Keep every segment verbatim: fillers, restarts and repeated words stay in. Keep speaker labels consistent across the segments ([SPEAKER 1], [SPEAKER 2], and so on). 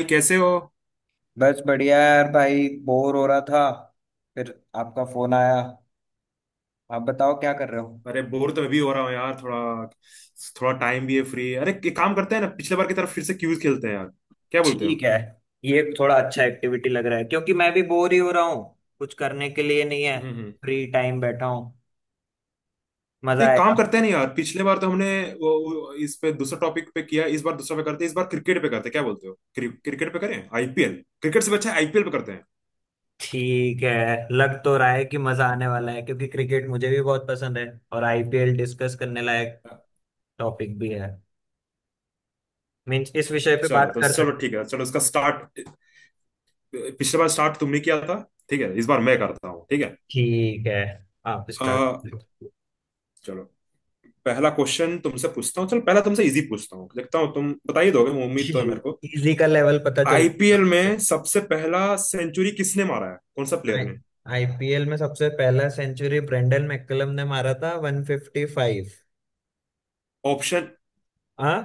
[SPEAKER 1] भाई कैसे हो?
[SPEAKER 2] बस बढ़िया यार भाई, बोर हो रहा था। फिर आपका फोन आया। आप बताओ, क्या कर रहे हो।
[SPEAKER 1] अरे, बोर तो मैं भी हो रहा हूँ यार। थोड़ा थोड़ा टाइम भी है फ्री। अरे, एक काम करते हैं ना, पिछले बार की तरफ फिर से क्यूज खेलते हैं यार। क्या बोलते हो?
[SPEAKER 2] ठीक है, ये थोड़ा अच्छा एक्टिविटी लग रहा है क्योंकि मैं भी बोर ही हो रहा हूँ। कुछ करने के लिए नहीं है।
[SPEAKER 1] हम्म हम्म।
[SPEAKER 2] फ्री टाइम बैठा हूँ। मजा
[SPEAKER 1] तो एक
[SPEAKER 2] आएगा।
[SPEAKER 1] काम करते हैं ना यार, पिछले बार तो हमने वो वो इस पे दूसरा टॉपिक पे किया, इस बार दूसरा पे करते हैं। इस बार क्रिकेट पे करते हैं, क्या बोलते हो? क्रि, क्रिकेट पे करें आईपीएल। क्रिकेट से भी अच्छा आईपीएल पे करते हैं।
[SPEAKER 2] ठीक है, लग तो रहा है कि मजा आने वाला है क्योंकि क्रिकेट मुझे भी बहुत पसंद है। और आईपीएल डिस्कस करने लायक टॉपिक भी है। मीन्स इस
[SPEAKER 1] अ-
[SPEAKER 2] विषय पे
[SPEAKER 1] चलो
[SPEAKER 2] बात
[SPEAKER 1] तो
[SPEAKER 2] कर
[SPEAKER 1] चलो,
[SPEAKER 2] सकते।
[SPEAKER 1] ठीक है, चलो इसका स्टार्ट। पिछले बार स्टार्ट तुमने किया था, ठीक है इस बार मैं करता हूँ, ठीक है।
[SPEAKER 2] ठीक है, आप स्टार्ट।
[SPEAKER 1] अ, चलो, पहला क्वेश्चन तुमसे पूछता हूँ। चल पहला तुमसे इजी पूछता हूँ, देखता हूँ तुम बता ही दोगे, उम्मीद तो है मेरे को।
[SPEAKER 2] इजी का लेवल पता चल जाएगा
[SPEAKER 1] आईपीएल
[SPEAKER 2] मुझे।
[SPEAKER 1] में सबसे पहला सेंचुरी किसने मारा है, कौन सा प्लेयर
[SPEAKER 2] आई
[SPEAKER 1] ने?
[SPEAKER 2] आईपीएल में सबसे पहला सेंचुरी ब्रेंडन मैकलम ने मारा था, वन फिफ्टी फाइव।
[SPEAKER 1] ऑप्शन।
[SPEAKER 2] हाँ।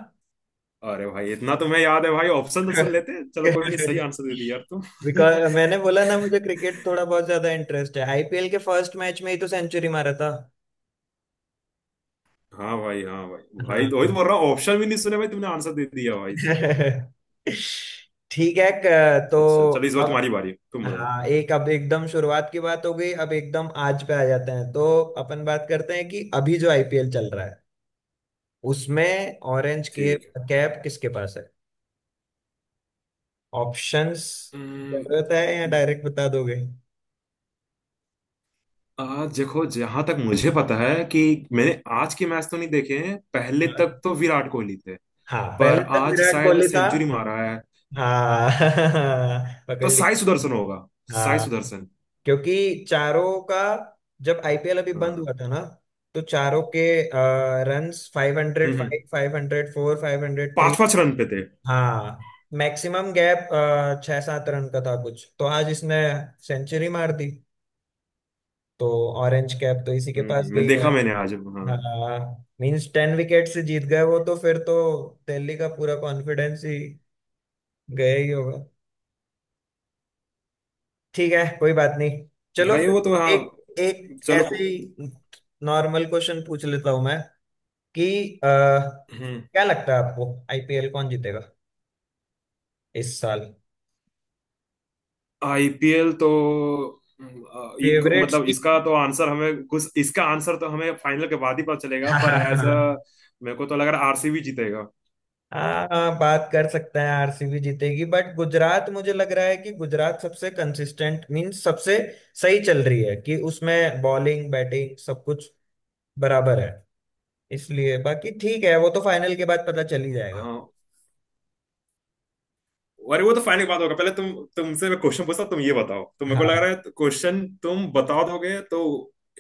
[SPEAKER 1] अरे भाई, इतना तुम्हें याद है भाई, ऑप्शन तो सुन लेते। चलो कोई नहीं, सही आंसर दे दिया यार तुम।
[SPEAKER 2] बिकॉज मैंने बोला ना, मुझे क्रिकेट थोड़ा बहुत ज्यादा इंटरेस्ट है। आईपीएल के फर्स्ट मैच में ही तो सेंचुरी मारा था।
[SPEAKER 1] हाँ भाई, हाँ भाई, भाई तो
[SPEAKER 2] हाँ।
[SPEAKER 1] वही तो बोल रहा हूँ, ऑप्शन भी नहीं सुने भाई, तुमने आंसर दे दिया भाई साहब।
[SPEAKER 2] ठीक है। क- तो
[SPEAKER 1] अच्छा चलो, इस बार
[SPEAKER 2] अब,
[SPEAKER 1] तुम्हारी बारी है, तुम बोलो।
[SPEAKER 2] हाँ एक, अब एकदम शुरुआत की बात हो गई, अब एकदम आज पे आ जाते हैं। तो अपन बात करते हैं कि अभी जो आईपीएल चल रहा है उसमें ऑरेंज कैप
[SPEAKER 1] ठीक है।
[SPEAKER 2] कैप किसके पास है। ऑप्शंस
[SPEAKER 1] हम्म,
[SPEAKER 2] जरूरत है या डायरेक्ट बता दोगे।
[SPEAKER 1] आ, देखो, जहां तक मुझे पता है कि मैंने आज के मैच तो नहीं देखे हैं, पहले
[SPEAKER 2] हाँ,
[SPEAKER 1] तक तो विराट कोहली थे।
[SPEAKER 2] हाँ
[SPEAKER 1] पर
[SPEAKER 2] पहले तक
[SPEAKER 1] आज
[SPEAKER 2] विराट
[SPEAKER 1] शायद
[SPEAKER 2] कोहली था।
[SPEAKER 1] सेंचुरी मारा है,
[SPEAKER 2] हाँ। पकड़
[SPEAKER 1] तो साई
[SPEAKER 2] लिया।
[SPEAKER 1] सुदर्शन होगा। साई
[SPEAKER 2] हाँ,
[SPEAKER 1] सुदर्शन।
[SPEAKER 2] क्योंकि चारों का, जब आईपीएल अभी बंद
[SPEAKER 1] हाँ।
[SPEAKER 2] हुआ था ना, तो चारों के रन्स फाइव हंड्रेड
[SPEAKER 1] हम्म
[SPEAKER 2] फाइव
[SPEAKER 1] हम्म,
[SPEAKER 2] five hundred four, five hundred three.
[SPEAKER 1] पांच पांच रन पे थे।
[SPEAKER 2] हाँ, मैक्सिमम गैप छह सात रन का था कुछ। तो आज इसने सेंचुरी मार दी, तो ऑरेंज कैप तो इसी के
[SPEAKER 1] हम्म
[SPEAKER 2] पास
[SPEAKER 1] हम्म, मैं
[SPEAKER 2] गई है।
[SPEAKER 1] देखा, मैंने आज, हाँ।
[SPEAKER 2] हाँ, मींस टेन विकेट से जीत गए वो तो, फिर तो दिल्ली का पूरा कॉन्फिडेंस ही गया ही होगा। ठीक है, कोई बात नहीं। चलो
[SPEAKER 1] भाई वो तो
[SPEAKER 2] फिर
[SPEAKER 1] हाँ।
[SPEAKER 2] एक एक
[SPEAKER 1] चलो को-
[SPEAKER 2] ऐसे ही नॉर्मल क्वेश्चन पूछ लेता हूं मैं कि अ,
[SPEAKER 1] हम्म।
[SPEAKER 2] क्या लगता है आपको आईपीएल कौन जीतेगा इस साल।
[SPEAKER 1] आईपीएल तो हम्म, अ, एक,
[SPEAKER 2] फेवरेट
[SPEAKER 1] मतलब
[SPEAKER 2] टीम।
[SPEAKER 1] इसका तो आंसर हमें कुछ इसका आंसर तो हमें फाइनल के बाद ही पता चलेगा,
[SPEAKER 2] हाँ
[SPEAKER 1] पर
[SPEAKER 2] हाँ
[SPEAKER 1] एज
[SPEAKER 2] हाँ।
[SPEAKER 1] अ। मेरे को तो लग रहा है आरसीबी जीतेगा।
[SPEAKER 2] हाँ, हाँ, बात कर सकते हैं, आरसीबी जीतेगी। बट गुजरात मुझे लग रहा है कि गुजरात सबसे कंसिस्टेंट, मीन सबसे सही चल रही है कि उसमें बॉलिंग बैटिंग सब कुछ बराबर है। इसलिए बाकी ठीक है, वो तो फाइनल के बाद पता चल ही जाएगा।
[SPEAKER 1] हाँ। अरे वो तो फाइनल की बात होगा, पहले तुम, तुमसे मैं क्वेश्चन पूछता हूं, तुम ये बताओ, तो मेरे को लग
[SPEAKER 2] हाँ,
[SPEAKER 1] रहा है क्वेश्चन तुम बता दोगे, तो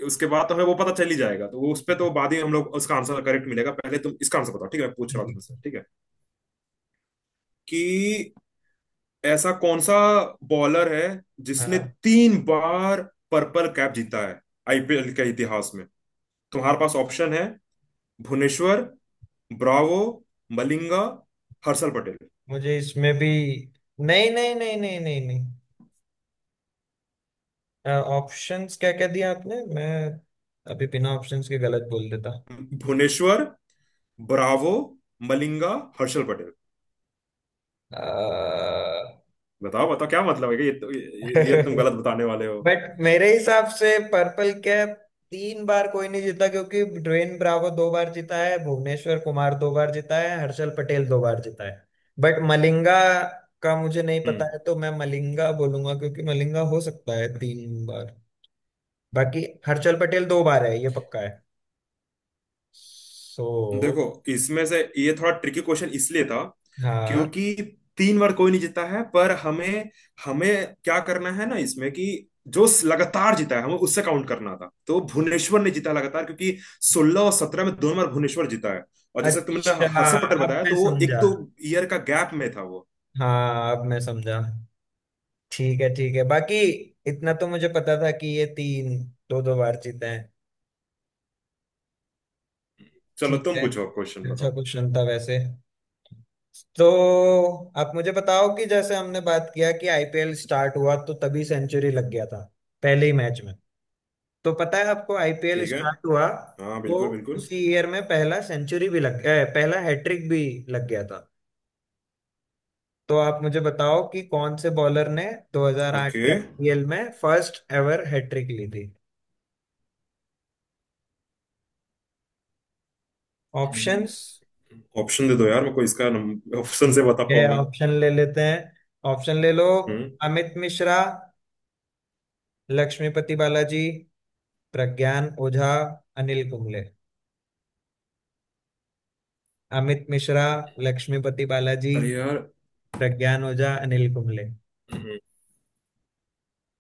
[SPEAKER 1] उसके बाद तो हमें वो पता चल ही जाएगा, तो वो उस पे तो बाद ही हम लोग उसका आंसर करेक्ट मिलेगा। पहले तुम इसका आंसर बताओ, ठीक है, मैं पूछ रहा हूँ
[SPEAKER 2] ठीक।
[SPEAKER 1] तुमसे, ठीक है? कि ऐसा कौन सा बॉलर है जिसने
[SPEAKER 2] हाँ,
[SPEAKER 1] तीन बार पर्पल कैप जीता है आईपीएल के इतिहास में? तुम्हारे पास ऑप्शन है: भुवनेश्वर, ब्रावो, मलिंगा, हर्षल पटेल।
[SPEAKER 2] मुझे इसमें भी, नहीं नहीं नहीं नहीं नहीं नहीं। ऑप्शंस क्या क्या दिया आपने, मैं अभी बिना ऑप्शंस के गलत बोल देता।
[SPEAKER 1] भुवनेश्वर, ब्रावो, मलिंगा, हर्षल पटेल।
[SPEAKER 2] अ,
[SPEAKER 1] बताओ बताओ, क्या मतलब है कि ये, तो, ये, ये तुम गलत बताने वाले हो।
[SPEAKER 2] बट मेरे हिसाब से पर्पल कैप तीन बार कोई नहीं जीता, क्योंकि ड्वेन ब्रावो दो बार जीता है, भुवनेश्वर कुमार दो बार जीता है, हर्षल पटेल दो बार जीता है। बट मलिंगा का मुझे नहीं
[SPEAKER 1] हम्म।
[SPEAKER 2] पता है, तो मैं मलिंगा बोलूंगा, क्योंकि मलिंगा हो सकता है तीन बार। बाकी हर्षल पटेल दो बार है, ये पक्का है। सो,
[SPEAKER 1] देखो, इसमें से ये थोड़ा ट्रिकी क्वेश्चन इसलिए था
[SPEAKER 2] हाँ।
[SPEAKER 1] क्योंकि तीन बार कोई नहीं जीता है। पर हमें, हमें क्या करना है ना इसमें कि जो लगातार जीता है हमें उससे काउंट करना था। तो भुवनेश्वर ने जीता लगातार क्योंकि सोलह और सत्रह में दोनों बार भुवनेश्वर जीता है। और जैसे तुमने
[SPEAKER 2] अच्छा,
[SPEAKER 1] हर्षद पटेल
[SPEAKER 2] अब
[SPEAKER 1] बताया,
[SPEAKER 2] मैं
[SPEAKER 1] तो वो एक
[SPEAKER 2] समझा।
[SPEAKER 1] दो ईयर का गैप में था वो।
[SPEAKER 2] हाँ, अब मैं समझा। ठीक है, ठीक है, बाकी इतना तो मुझे पता था कि ये तीन दो दो बार जीते हैं।
[SPEAKER 1] चलो
[SPEAKER 2] ठीक
[SPEAKER 1] तुम
[SPEAKER 2] है,
[SPEAKER 1] पूछो, क्वेश्चन
[SPEAKER 2] अच्छा
[SPEAKER 1] बताओ।
[SPEAKER 2] क्वेश्चन था वैसे। तो आप मुझे बताओ कि जैसे हमने बात किया कि आईपीएल स्टार्ट हुआ तो तभी सेंचुरी लग गया था, पहले ही मैच में। तो पता है आपको आईपीएल
[SPEAKER 1] ठीक है।
[SPEAKER 2] स्टार्ट हुआ
[SPEAKER 1] हाँ
[SPEAKER 2] तो
[SPEAKER 1] बिल्कुल बिल्कुल।
[SPEAKER 2] उसी ईयर में पहला सेंचुरी भी लग गया, पहला हैट्रिक भी लग गया था। तो आप मुझे बताओ कि कौन से बॉलर ने दो हज़ार आठ के
[SPEAKER 1] ओके।
[SPEAKER 2] आईपीएल में फर्स्ट एवर हैट्रिक ली थी। ऑप्शंस।
[SPEAKER 1] ऑप्शन दे दो यार मेरे को, इसका ऑप्शन से
[SPEAKER 2] ठीक
[SPEAKER 1] बता
[SPEAKER 2] है,
[SPEAKER 1] पाऊंगा मैं।
[SPEAKER 2] ऑप्शन ले लेते हैं। ऑप्शन ले लो।
[SPEAKER 1] हम्म।
[SPEAKER 2] अमित मिश्रा, लक्ष्मीपति बालाजी, प्रज्ञान ओझा, अनिल कुंबले। अमित मिश्रा, लक्ष्मीपति बालाजी,
[SPEAKER 1] अरे यार।
[SPEAKER 2] प्रज्ञान ओझा, अनिल कुंबले।
[SPEAKER 1] हम्म,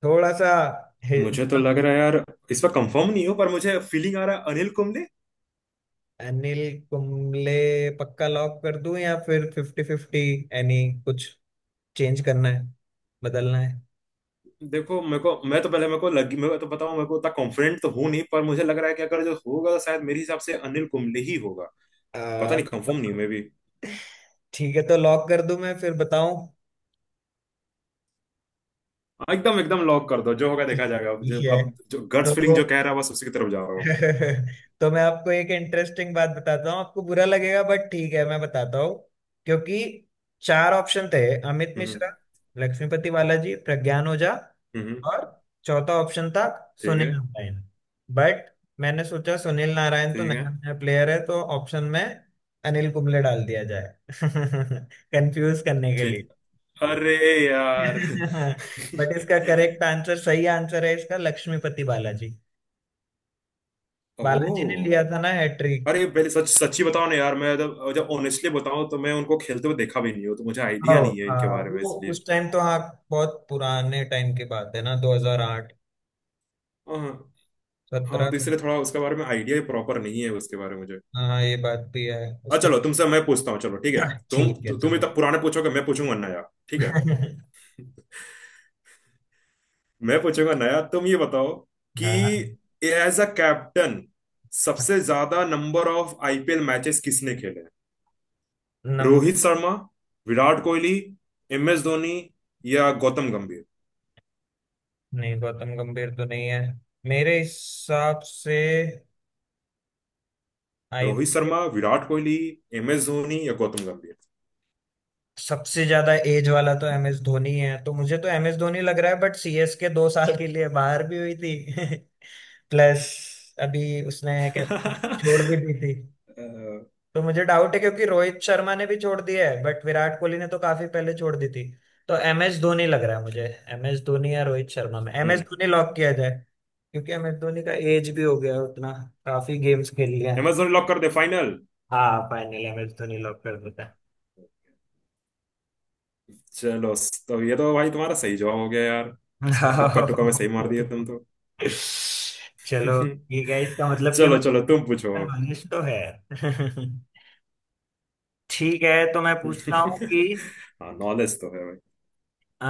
[SPEAKER 2] थोड़ा सा हे-
[SPEAKER 1] मुझे तो
[SPEAKER 2] मतलब,
[SPEAKER 1] लग रहा है यार, इस पर कंफर्म नहीं हो, पर मुझे फीलिंग आ रहा है अनिल कुंबले।
[SPEAKER 2] अनिल कुंबले पक्का लॉक कर दूं, या फिर फिफ्टी फिफ्टी यानी कुछ चेंज करना है, बदलना है।
[SPEAKER 1] देखो मेरे को, मैं तो पहले मेरे को लगी मैं तो बताऊं मेरे को उतना कॉन्फिडेंट तो हूं नहीं, पर मुझे लग रहा है कि अगर जो होगा तो शायद मेरे हिसाब से अनिल कुंबले ही होगा। पता
[SPEAKER 2] आ,
[SPEAKER 1] नहीं, कंफर्म नहीं हूं मैं भी।
[SPEAKER 2] ठीक है, तो लॉक कर दूं मैं, फिर बताऊं।
[SPEAKER 1] हाँ, एकदम एकदम लॉक कर दो, जो होगा देखा जाएगा, अब
[SPEAKER 2] ठीक
[SPEAKER 1] जो,
[SPEAKER 2] है,
[SPEAKER 1] अब जो गट्स फीलिंग जो
[SPEAKER 2] तो
[SPEAKER 1] कह रहा है बस उसी की तरफ जा रहा हूँ।
[SPEAKER 2] तो मैं आपको एक इंटरेस्टिंग बात बताता हूँ, आपको बुरा लगेगा बट ठीक है, मैं बताता हूँ। क्योंकि चार ऑप्शन थे, अमित
[SPEAKER 1] हम्म
[SPEAKER 2] मिश्रा, लक्ष्मीपति बालाजी, प्रज्ञान ओझा,
[SPEAKER 1] हम्म हम्म।
[SPEAKER 2] और चौथा ऑप्शन था
[SPEAKER 1] ठीक
[SPEAKER 2] सुनील
[SPEAKER 1] है,
[SPEAKER 2] नारायण। बट मैंने सोचा सुनील नारायण तो
[SPEAKER 1] ठीक है।
[SPEAKER 2] नया नया प्लेयर है, तो ऑप्शन में अनिल कुंबले डाल दिया जाए। कंफ्यूज करने के लिए।
[SPEAKER 1] ठीक। अरे यार।
[SPEAKER 2] बट इसका करेक्ट आंसर, सही आंसर है इसका लक्ष्मीपति बालाजी।
[SPEAKER 1] ओ।
[SPEAKER 2] बालाजी ने लिया था ना हैट्रिक।
[SPEAKER 1] अरे पहले सच सच्ची बताओ ना यार, मैं जब जब ऑनेस्टली बताऊं, तो मैं उनको खेलते हुए देखा भी नहीं हूं, तो मुझे आइडिया
[SPEAKER 2] आओ,
[SPEAKER 1] नहीं है इनके
[SPEAKER 2] हाँ
[SPEAKER 1] बारे में,
[SPEAKER 2] वो
[SPEAKER 1] इसलिए।
[SPEAKER 2] उस टाइम तो, हाँ बहुत पुराने टाइम की बात है ना, दो हज़ार आठ,
[SPEAKER 1] हाँ हाँ। हाँ,
[SPEAKER 2] सत्रह।
[SPEAKER 1] तो इसलिए थोड़ा उसके बारे में आइडिया प्रॉपर नहीं है उसके बारे में मुझे।
[SPEAKER 2] हाँ ये बात भी है, उस
[SPEAKER 1] अच्छा
[SPEAKER 2] टाइम।
[SPEAKER 1] चलो, तुमसे मैं पूछता हूँ, चलो ठीक है। तुम
[SPEAKER 2] ठीक
[SPEAKER 1] तु,
[SPEAKER 2] है,
[SPEAKER 1] तुम
[SPEAKER 2] चलो।
[SPEAKER 1] इतना पुराने पूछोगे, मैं पूछूंगा नया। ठीक है, मैं पूछूंगा नया, तुम ये बताओ कि
[SPEAKER 2] हाँ
[SPEAKER 1] एज अ कैप्टन सबसे ज्यादा नंबर ऑफ आईपीएल मैचेस किसने खेले हैं?
[SPEAKER 2] नम
[SPEAKER 1] रोहित शर्मा, विराट कोहली, एम एस धोनी या गौतम गंभीर?
[SPEAKER 2] नहीं, गौतम गंभीर तो नहीं है मेरे हिसाब से। I
[SPEAKER 1] Rohit Sharma, Virat Kohli, M S Dhoni या गौतम गंभीर?
[SPEAKER 2] सबसे ज्यादा एज वाला तो एम एस धोनी है, तो मुझे तो एम एस धोनी लग रहा है, बट सी एस के दो साल के लिए बाहर भी हुई थी। प्लस अभी उसने कैप्टन छोड़ भी दी थी,
[SPEAKER 1] अ,
[SPEAKER 2] तो मुझे डाउट है, क्योंकि रोहित शर्मा ने भी छोड़ दिया है, बट विराट कोहली ने तो काफी पहले छोड़ दी थी। तो एम एस धोनी लग रहा है मुझे। एम एस धोनी या रोहित शर्मा में M S
[SPEAKER 1] hmm.
[SPEAKER 2] Dhoni lock किया जाए, क्योंकि एम एस धोनी का एज भी हो गया है उतना, काफी गेम्स खेल लिया
[SPEAKER 1] एम
[SPEAKER 2] है।
[SPEAKER 1] एस धोनी लॉक कर दे फाइनल।
[SPEAKER 2] हाँ, finally M S Dhoni lock कर देता है।
[SPEAKER 1] चलो, तो ये तो भाई तुम्हारा सही जवाब हो गया यार। टुक्का टुक्का में सही मार दिया तुम तो।
[SPEAKER 2] चलो ठीक है, इसका मतलब कि
[SPEAKER 1] चलो चलो,
[SPEAKER 2] मुझे
[SPEAKER 1] तुम पूछो।
[SPEAKER 2] नॉलेज तो है। ठीक है, तो मैं पूछता हूँ कि
[SPEAKER 1] हाँ नॉलेज तो है भाई।
[SPEAKER 2] आ,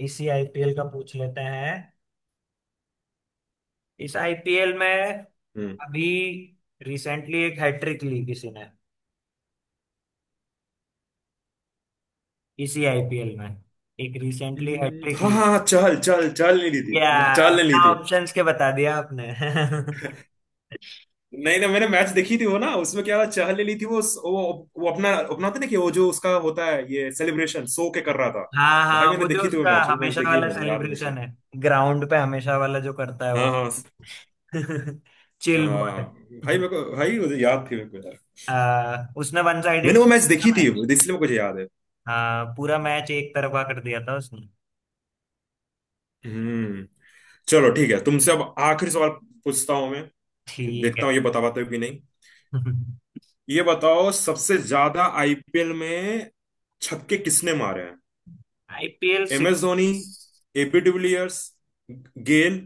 [SPEAKER 2] इसी आईपीएल का पूछ लेते हैं। इस आईपीएल में
[SPEAKER 1] हम्म।
[SPEAKER 2] अभी रिसेंटली एक हैट्रिक ली किसी ने, इसी आईपीएल में एक रिसेंटली
[SPEAKER 1] हम्म,
[SPEAKER 2] हैट्रिक
[SPEAKER 1] हाँ
[SPEAKER 2] ली।
[SPEAKER 1] हाँ। चल चल चल, नहीं ली थी,
[SPEAKER 2] या
[SPEAKER 1] मैं- चल नहीं ली
[SPEAKER 2] अपना
[SPEAKER 1] थी।
[SPEAKER 2] ऑप्शंस के बता दिया आपने।
[SPEAKER 1] नहीं ना, मैंने मैच देखी थी वो ना, उसमें क्या चहल ने ली थी। वो वो वो अपना अपना होता है ना, कि वो जो उसका होता है ये सेलिब्रेशन सो के कर रहा था।
[SPEAKER 2] हाँ
[SPEAKER 1] भाई
[SPEAKER 2] हाँ,
[SPEAKER 1] मैंने
[SPEAKER 2] वो जो
[SPEAKER 1] देखी थी वो
[SPEAKER 2] उसका
[SPEAKER 1] मैच, वो मैच
[SPEAKER 2] हमेशा
[SPEAKER 1] देखी है
[SPEAKER 2] वाला
[SPEAKER 1] मैंने, याद है मुझे।
[SPEAKER 2] सेलिब्रेशन है, ग्राउंड पे हमेशा वाला जो करता है
[SPEAKER 1] हाँ
[SPEAKER 2] वो।
[SPEAKER 1] हाँ।
[SPEAKER 2] Chill boy.
[SPEAKER 1] हाँ भाई मेरे को, भाई मुझे याद थी मेरे को यार।
[SPEAKER 2] आ, उसने वन साइडेड
[SPEAKER 1] मैंने वो मैच देखी
[SPEAKER 2] पूरा
[SPEAKER 1] थी
[SPEAKER 2] मैच,
[SPEAKER 1] वो, इसलिए मुझे याद है।
[SPEAKER 2] हाँ पूरा मैच एक तरफा कर दिया था उसने।
[SPEAKER 1] हम्म। चलो ठीक है, तुमसे अब आखिरी सवाल पूछता हूँ मैं, कि
[SPEAKER 2] ठीक
[SPEAKER 1] देखता
[SPEAKER 2] है।
[SPEAKER 1] हूँ ये बता पाते हो कि नहीं। ये बताओ, सबसे ज्यादा आईपीएल में छक्के किसने मारे हैं?
[SPEAKER 2] IPL
[SPEAKER 1] M S Dhoni,
[SPEAKER 2] six,
[SPEAKER 1] AB de Villiers, Gayle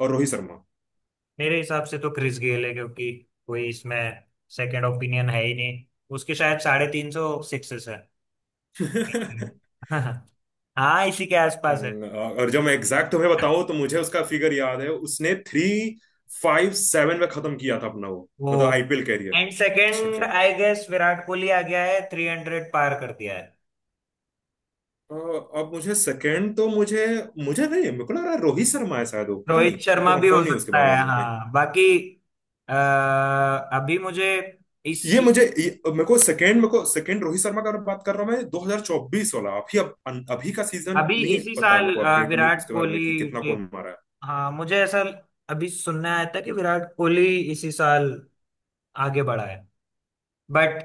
[SPEAKER 1] और रोहित शर्मा।
[SPEAKER 2] मेरे हिसाब से तो क्रिस गेल है, क्योंकि कोई इसमें सेकंड ओपिनियन है ही नहीं। उसके शायद साढ़े तीन सौ सिक्सेस है। हाँ, इसी के आसपास है
[SPEAKER 1] हम्म, और जब, मैं एग्जैक्ट तुम्हें बताऊं तो मुझे उसका फिगर याद है, उसने थ्री फाइव सेवन में खत्म किया था अपना वो
[SPEAKER 2] वो।
[SPEAKER 1] मतलब आईपीएल कैरियर।
[SPEAKER 2] एंड
[SPEAKER 1] छक्के।
[SPEAKER 2] Second I guess Virat Kohli आ गया है, थ्री हंड्रेड पार कर दिया है।
[SPEAKER 1] अ, अब मुझे सेकंड तो मुझे, मुझे नहीं, मेरे को लग रहा है रोहित शर्मा है शायद वो, पता नहीं,
[SPEAKER 2] रोहित
[SPEAKER 1] मेरे
[SPEAKER 2] शर्मा
[SPEAKER 1] को
[SPEAKER 2] भी
[SPEAKER 1] कंफर्म
[SPEAKER 2] हो
[SPEAKER 1] नहीं है उसके
[SPEAKER 2] सकता है,
[SPEAKER 1] बारे में नहीं।
[SPEAKER 2] हाँ। बाकी अह, अभी मुझे इस,
[SPEAKER 1] ये मुझे ये, मेरे को सेकंड, मेरे को सेकंड रोहित शर्मा का बात कर रहा हूँ मैं, दो हज़ार चौबीस वाला। अभी अब अभी का सीजन
[SPEAKER 2] अभी
[SPEAKER 1] नहीं
[SPEAKER 2] इसी
[SPEAKER 1] पता है मेरे
[SPEAKER 2] साल
[SPEAKER 1] को,
[SPEAKER 2] अह,
[SPEAKER 1] अपडेट नहीं
[SPEAKER 2] विराट
[SPEAKER 1] उसके बारे
[SPEAKER 2] कोहली
[SPEAKER 1] में, कि कितना
[SPEAKER 2] के,
[SPEAKER 1] कौन मारा
[SPEAKER 2] हाँ मुझे ऐसा अभी सुनने आया था कि विराट कोहली इसी साल आगे बढ़ा है। बट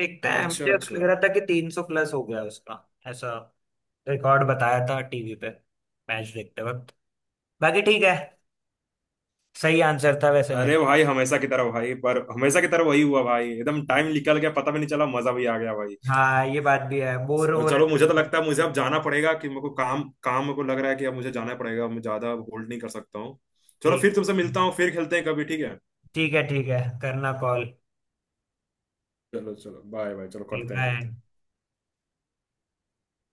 [SPEAKER 2] देखते
[SPEAKER 1] है।
[SPEAKER 2] हैं,
[SPEAKER 1] अच्छा
[SPEAKER 2] मुझे
[SPEAKER 1] अच्छा।
[SPEAKER 2] लग रहा था कि तीन सौ प्लस हो गया उसका, ऐसा रिकॉर्ड बताया था टीवी पे मैच देखते वक्त। बाकी ठीक है, सही आंसर था वैसे मेरा।
[SPEAKER 1] अरे भाई, हमेशा की तरह भाई, पर हमेशा की तरह वही हुआ भाई, एकदम टाइम निकल गया, पता भी नहीं चला, मजा भी आ गया भाई।
[SPEAKER 2] हाँ ये बात भी है, बोर
[SPEAKER 1] और
[SPEAKER 2] हो रहा
[SPEAKER 1] चलो, मुझे तो
[SPEAKER 2] था।
[SPEAKER 1] लगता है मुझे अब जाना पड़ेगा, कि मेरे को काम, काम मेरे को लग रहा है कि अब मुझे जाना पड़ेगा, मैं ज्यादा होल्ड नहीं कर सकता हूँ। चलो
[SPEAKER 2] ठीक,
[SPEAKER 1] फिर तुमसे मिलता हूँ, फिर खेलते हैं कभी, ठीक है?
[SPEAKER 2] ठीक है, ठीक है, करना कॉल।
[SPEAKER 1] चलो चलो, बाय बाय, चलो करते हैं करते
[SPEAKER 2] बाय।
[SPEAKER 1] हैं।